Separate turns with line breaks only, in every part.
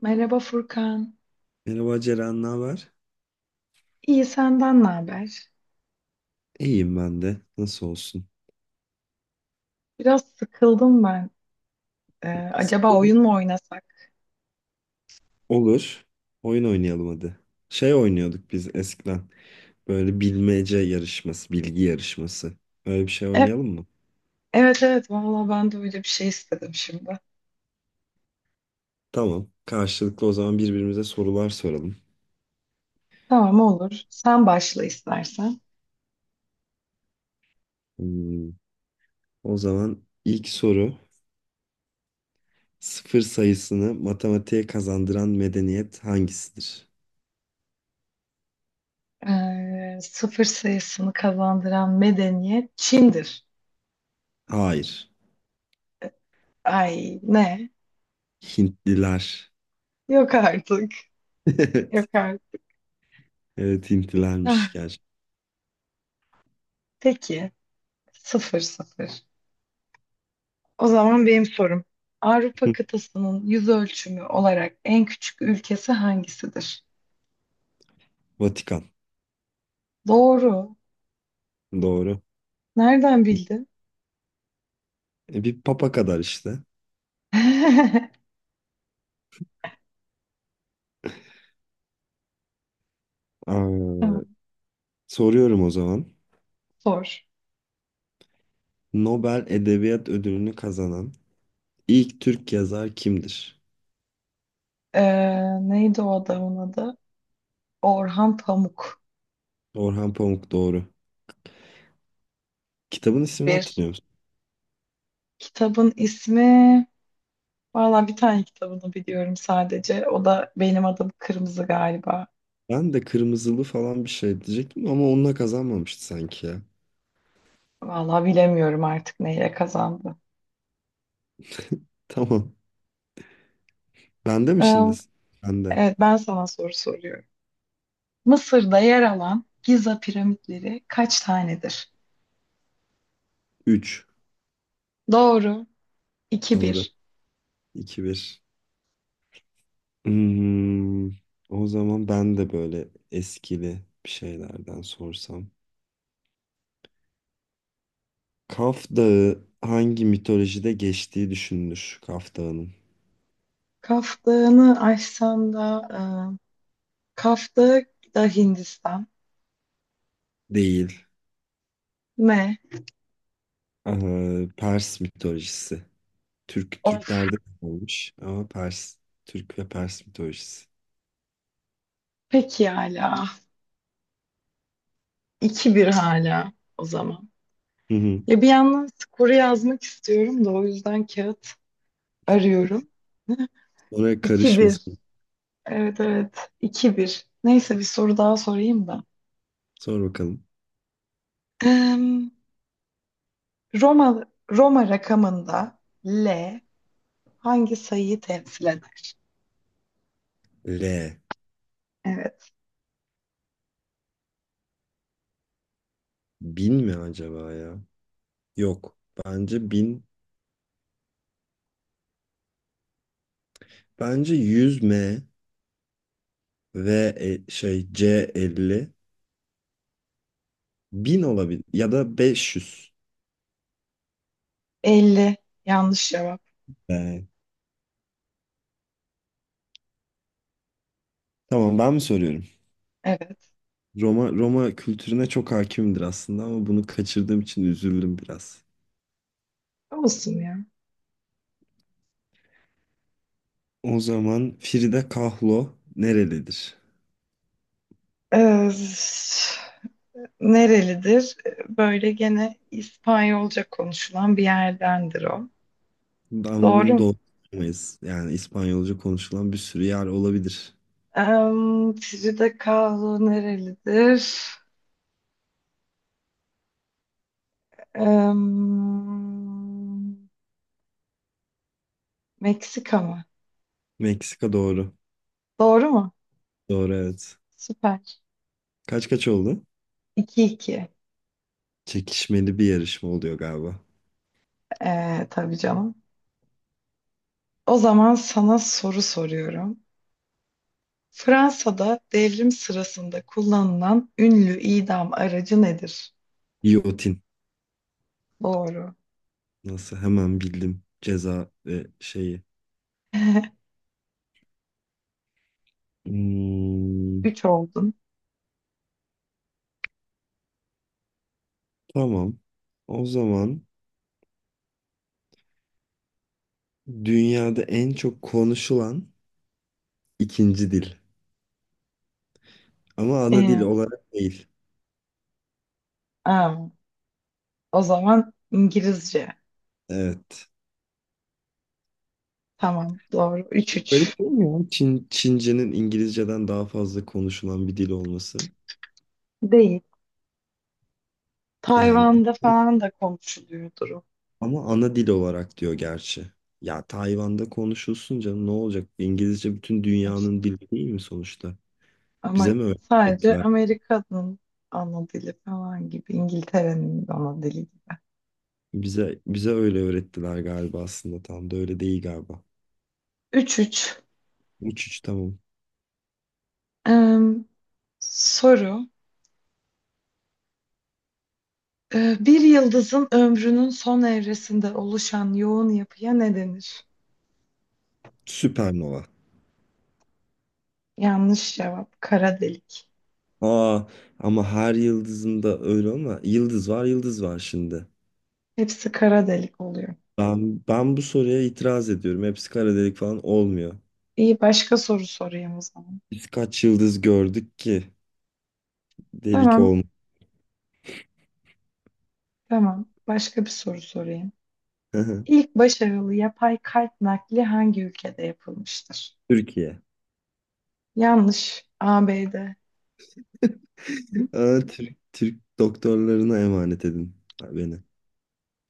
Merhaba Furkan.
Merhaba Ceren, ne haber?
İyi senden ne haber?
İyiyim ben de. Nasıl olsun?
Biraz sıkıldım ben. Ee, acaba oyun mu oynasak?
Olur. Oyun oynayalım hadi. Şey oynuyorduk biz eskiden. Böyle bilmece yarışması, bilgi yarışması. Öyle bir şey
E-
oynayalım mı?
evet evet valla ben de öyle bir şey istedim şimdi.
Tamam. Karşılıklı o zaman birbirimize sorular soralım.
Tamam olur. Sen başla istersen.
Hmm, O zaman ilk soru. Sıfır sayısını matematiğe kazandıran medeniyet hangisidir?
Sıfır sayısını kazandıran medeniyet Çin'dir.
Hayır.
Ay ne?
Hintliler.
Yok artık.
Evet.
Yok artık.
Evet Hintlilermiş
Ah,
gerçekten.
peki. 0-0. O zaman benim sorum. Avrupa kıtasının yüz ölçümü olarak en küçük ülkesi hangisidir?
Vatikan.
Doğru.
Doğru.
Nereden bildin?
Bir papa kadar işte. Aa,
Tamam.
soruyorum o zaman.
Sor.
Nobel Edebiyat Ödülü'nü kazanan ilk Türk yazar kimdir?
Ee, neydi o adamın adı? Orhan Pamuk.
Orhan Pamuk doğru. Kitabın ismini
Bir
hatırlıyor musun?
kitabın ismi. Valla bir tane kitabını biliyorum sadece. O da benim adım Kırmızı galiba.
Ben de Kırmızılı falan bir şey diyecektim ama onunla kazanmamıştı sanki ya.
Valla bilemiyorum artık neyle kazandı.
Tamam. Bende mi
Ee,
şimdi? Bende.
evet ben sana soru soruyorum. Mısır'da yer alan Giza piramitleri kaç tanedir?
3.
Doğru. 2
Doğru.
bir.
2-1. Hmm, O zaman ben de böyle eskili bir şeylerden sorsam. Kaf Dağı hangi mitolojide geçtiği düşünülür, Kaf Dağı'nın?
Kaf Dağı'nı aşsan da Kaf Dağı da Hindistan.
Değil.
Ne?
Pers mitolojisi.
Of,
Türklerde olmuş ama Pers. Türk ve Pers mitolojisi.
peki hala. 2-1 hala o zaman.
Hı hı.
Ya bir yandan skoru yazmak istiyorum da o yüzden kağıt arıyorum.
Oraya
2-1.
karışmasın.
Evet, evet. 2-1. Neyse, bir soru daha sorayım da.
Sor bakalım.
Em, Roma rakamında L hangi sayıyı temsil eder?
L.
Evet.
Bin mi acaba ya? Yok. Bence bin. Bence 100 M ve şey, C 50. Bin olabilir. Ya da 500.
Elli. Yanlış cevap.
Ee, Tamam, ben mi soruyorum?
Evet.
Roma kültürüne çok hakimdir aslında ama bunu kaçırdığım için üzüldüm biraz.
Olsun ya.
O zaman Frida Kahlo nerelidir?
Ee, Nerelidir? Böyle gene İspanyolca konuşulan bir yerdendir o.
Ama
Doğru
bunu
mu?
doğru bilemeyiz. Yani İspanyolca konuşulan bir sürü yer olabilir.
Frida Kahlo nerelidir? Em, Meksika mı?
Meksika doğru.
Doğru mu?
Doğru, evet.
Süper.
Kaç kaç oldu?
2-2.
Çekişmeli bir yarışma oluyor galiba.
Tabii canım. O zaman sana soru soruyorum. Fransa'da devrim sırasında kullanılan ünlü idam aracı nedir?
Giyotin.
Doğru.
Nasıl hemen bildim ceza ve şeyi. Hmm,
Üç oldun.
tamam. O zaman dünyada en çok konuşulan ikinci dil. Ama ana dil
Ee,
olarak değil.
aa. O zaman İngilizce.
Evet.
Tamam doğru. 3-3.
Garip değil mi ya? Çince'nin İngilizce'den daha fazla konuşulan bir dil olması.
Değil.
Yani
Tayvan'da falan da konuşuluyordur o.
ama ana dil olarak diyor gerçi. Ya Tayvan'da konuşulsun canım, ne olacak? İngilizce bütün
İşte,
dünyanın dili değil mi sonuçta? Bize
ama
mi
sadece
öğrettiler?
Amerika'nın ana dili falan gibi. İngiltere'nin ana dili gibi.
Bize öyle öğrettiler galiba, aslında tam da öyle değil galiba.
3-3.
3-3, tamam.
Ee, soru. Bir yıldızın ömrünün son evresinde oluşan yoğun yapıya ne denir?
Süpernova.
Yanlış cevap. Kara delik.
Aa, ama her yıldızında öyle ama yıldız var, yıldız var şimdi.
Hepsi kara delik oluyor.
Ben bu soruya itiraz ediyorum. Hepsi kara delik falan olmuyor.
İyi başka soru sorayım o zaman.
Biz kaç yıldız gördük ki delik
Tamam,
olmuyor.
tamam. Başka bir soru sorayım. İlk başarılı yapay kalp nakli hangi ülkede yapılmıştır?
Türkiye.
Yanlış. ABD. Hı?
Aa, Türk, Türk doktorlarına emanet edin beni.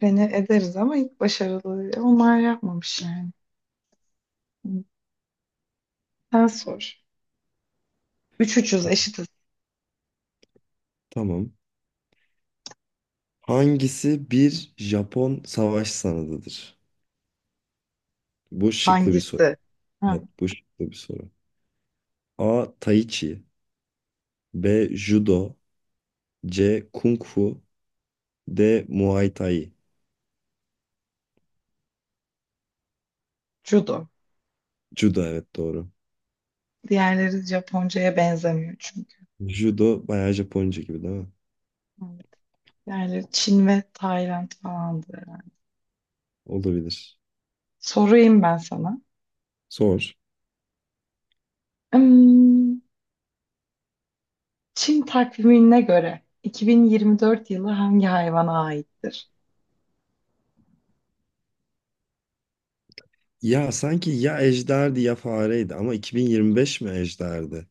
Beni ederiz ama ilk başarılı onlar yapmamış yani. Hı. Sen sor. Üç ucuz eşitiz.
Tamam. Hangisi bir Japon savaş sanatıdır? Bu şıklı bir soru.
Hangisi? Ha,
Evet, bu şıklı bir soru. A. Tai Chi, B. Judo, C. Kung Fu, D. Muay Thai.
judo.
Judo, evet, doğru.
Diğerleri Japonca'ya benzemiyor çünkü.
Judo bayağı Japonca gibi değil mi?
Evet. Diğerleri Çin ve Tayland falandı herhalde.
Olabilir.
Sorayım ben sana.
Sor.
Hmm, Çin takvimine göre 2024 yılı hangi hayvana aittir?
Ya sanki ya ejderdi ya fareydi ama 2025 mi ejderdi?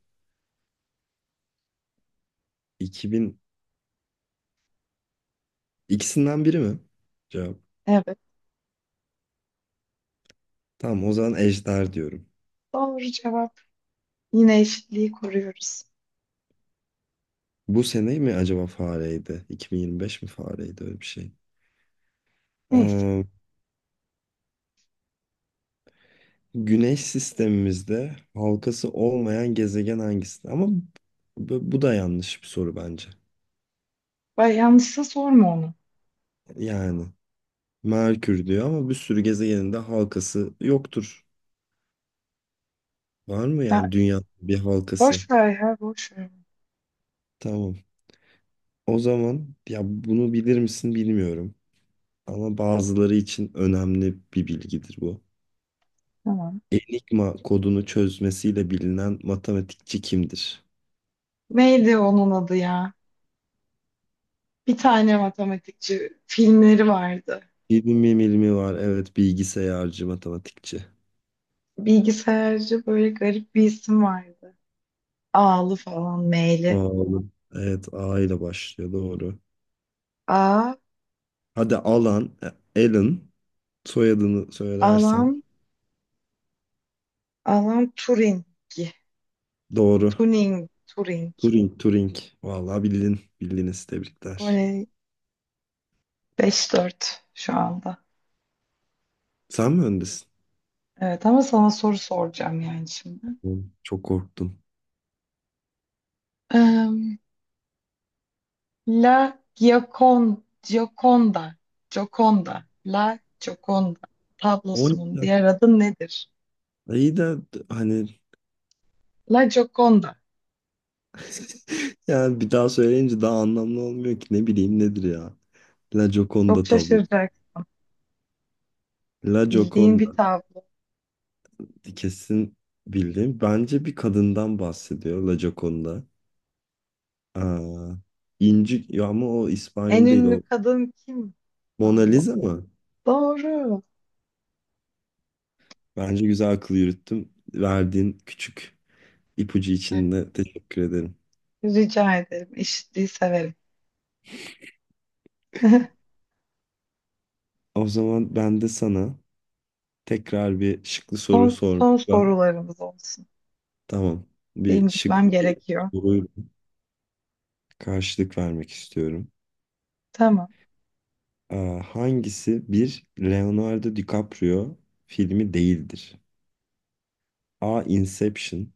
2000, ikisinden biri mi? Cevap.
Evet,
Tamam, o zaman ejder diyorum.
doğru cevap. Yine eşitliği koruyoruz.
Bu sene mi acaba fareydi? 2025 mi fareydi, öyle bir şey.
Neyse.
Ee, Güneş sistemimizde halkası olmayan gezegen hangisi? Ama bu da yanlış bir soru bence.
Bay yanlışsa sorma onu.
Yani Merkür diyor ama bir sürü gezegenin de halkası yoktur. Var mı
Ya,
yani dünyanın bir halkası?
boş ver ya, boş ver.
Tamam. O zaman ya bunu bilir misin bilmiyorum ama bazıları için önemli bir bilgidir bu.
Tamam.
Enigma kodunu çözmesiyle bilinen matematikçi kimdir?
Neydi onun adı ya? Bir tane matematikçi filmleri vardı.
Hilmi Milmi var. Evet, bilgisayarcı matematikçi.
Bilgisayarcı böyle garip bir isim vardı. Ağlı falan meyli.
Oğlum. Evet, A ile başlıyor, doğru.
A,
Hadi Alan, Alan, soyadını söylersen
Alan, Alan Turing.
doğru.
Turing, Turing.
Turing, Turing. Vallahi bildin. Bildiniz, tebrikler.
Böyle 5-4 şu anda.
Sen mi öndesin?
Evet ama sana soru soracağım yani şimdi.
Oğlum, çok korktum.
Eee, La Giacon, Gioconda, Gioconda, La Gioconda tablosunun
12.
diğer adı nedir?
İyi de hani,
La Gioconda.
yani bir daha söyleyince daha anlamlı olmuyor ki. Ne bileyim nedir ya. La
Çok
Gioconda tablo.
şaşıracaksın.
La
Bildiğin bir
Gioconda.
tablo.
Kesin bildim. Bence bir kadından bahsediyor La Gioconda. Aa, İnci ya, ama o
En
İspanyol değil
ünlü
o.
kadın kim?
Mona
Tablo.
Lisa mı?
Doğru.
Bence güzel akıl yürüttüm. Verdiğin küçük ipucu için
Evet,
de teşekkür ederim.
rica ederim. Eşitliği severim.
O zaman ben de sana tekrar bir şıklı soru
Son, son
sormakla,
sorularımız olsun.
tamam. Bir
Benim gitmem
şıklı bir
gerekiyor.
soruyu karşılık vermek istiyorum.
Tamam.
Ee, Hangisi bir Leonardo DiCaprio filmi değildir? A. Inception,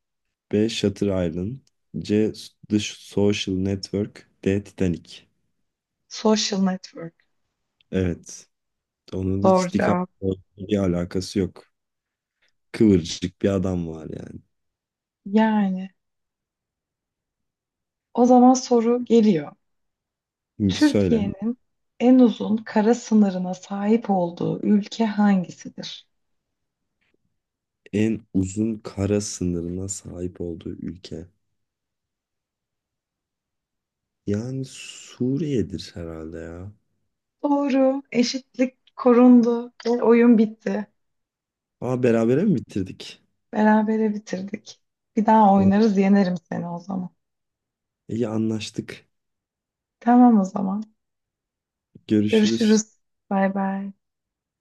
B. Shutter Island, C. The Social Network, D. Titanic.
Social network.
Evet. Onun
Doğru
hiç
cevap.
DiCaprio bir alakası yok. Kıvırcık bir adam var yani.
Yani. O zaman soru geliyor.
Şimdi söyle.
Türkiye'nin en uzun kara sınırına sahip olduğu ülke hangisidir?
En uzun kara sınırına sahip olduğu ülke. Yani Suriye'dir herhalde ya.
Doğru, eşitlik korundu ve oyun bitti.
Aa, berabere mi bitirdik?
Berabere bitirdik. Bir daha
Oh,
oynarız, yenerim seni o zaman.
İyi anlaştık.
Tamam o zaman.
Görüşürüz.
Görüşürüz. Bay bay.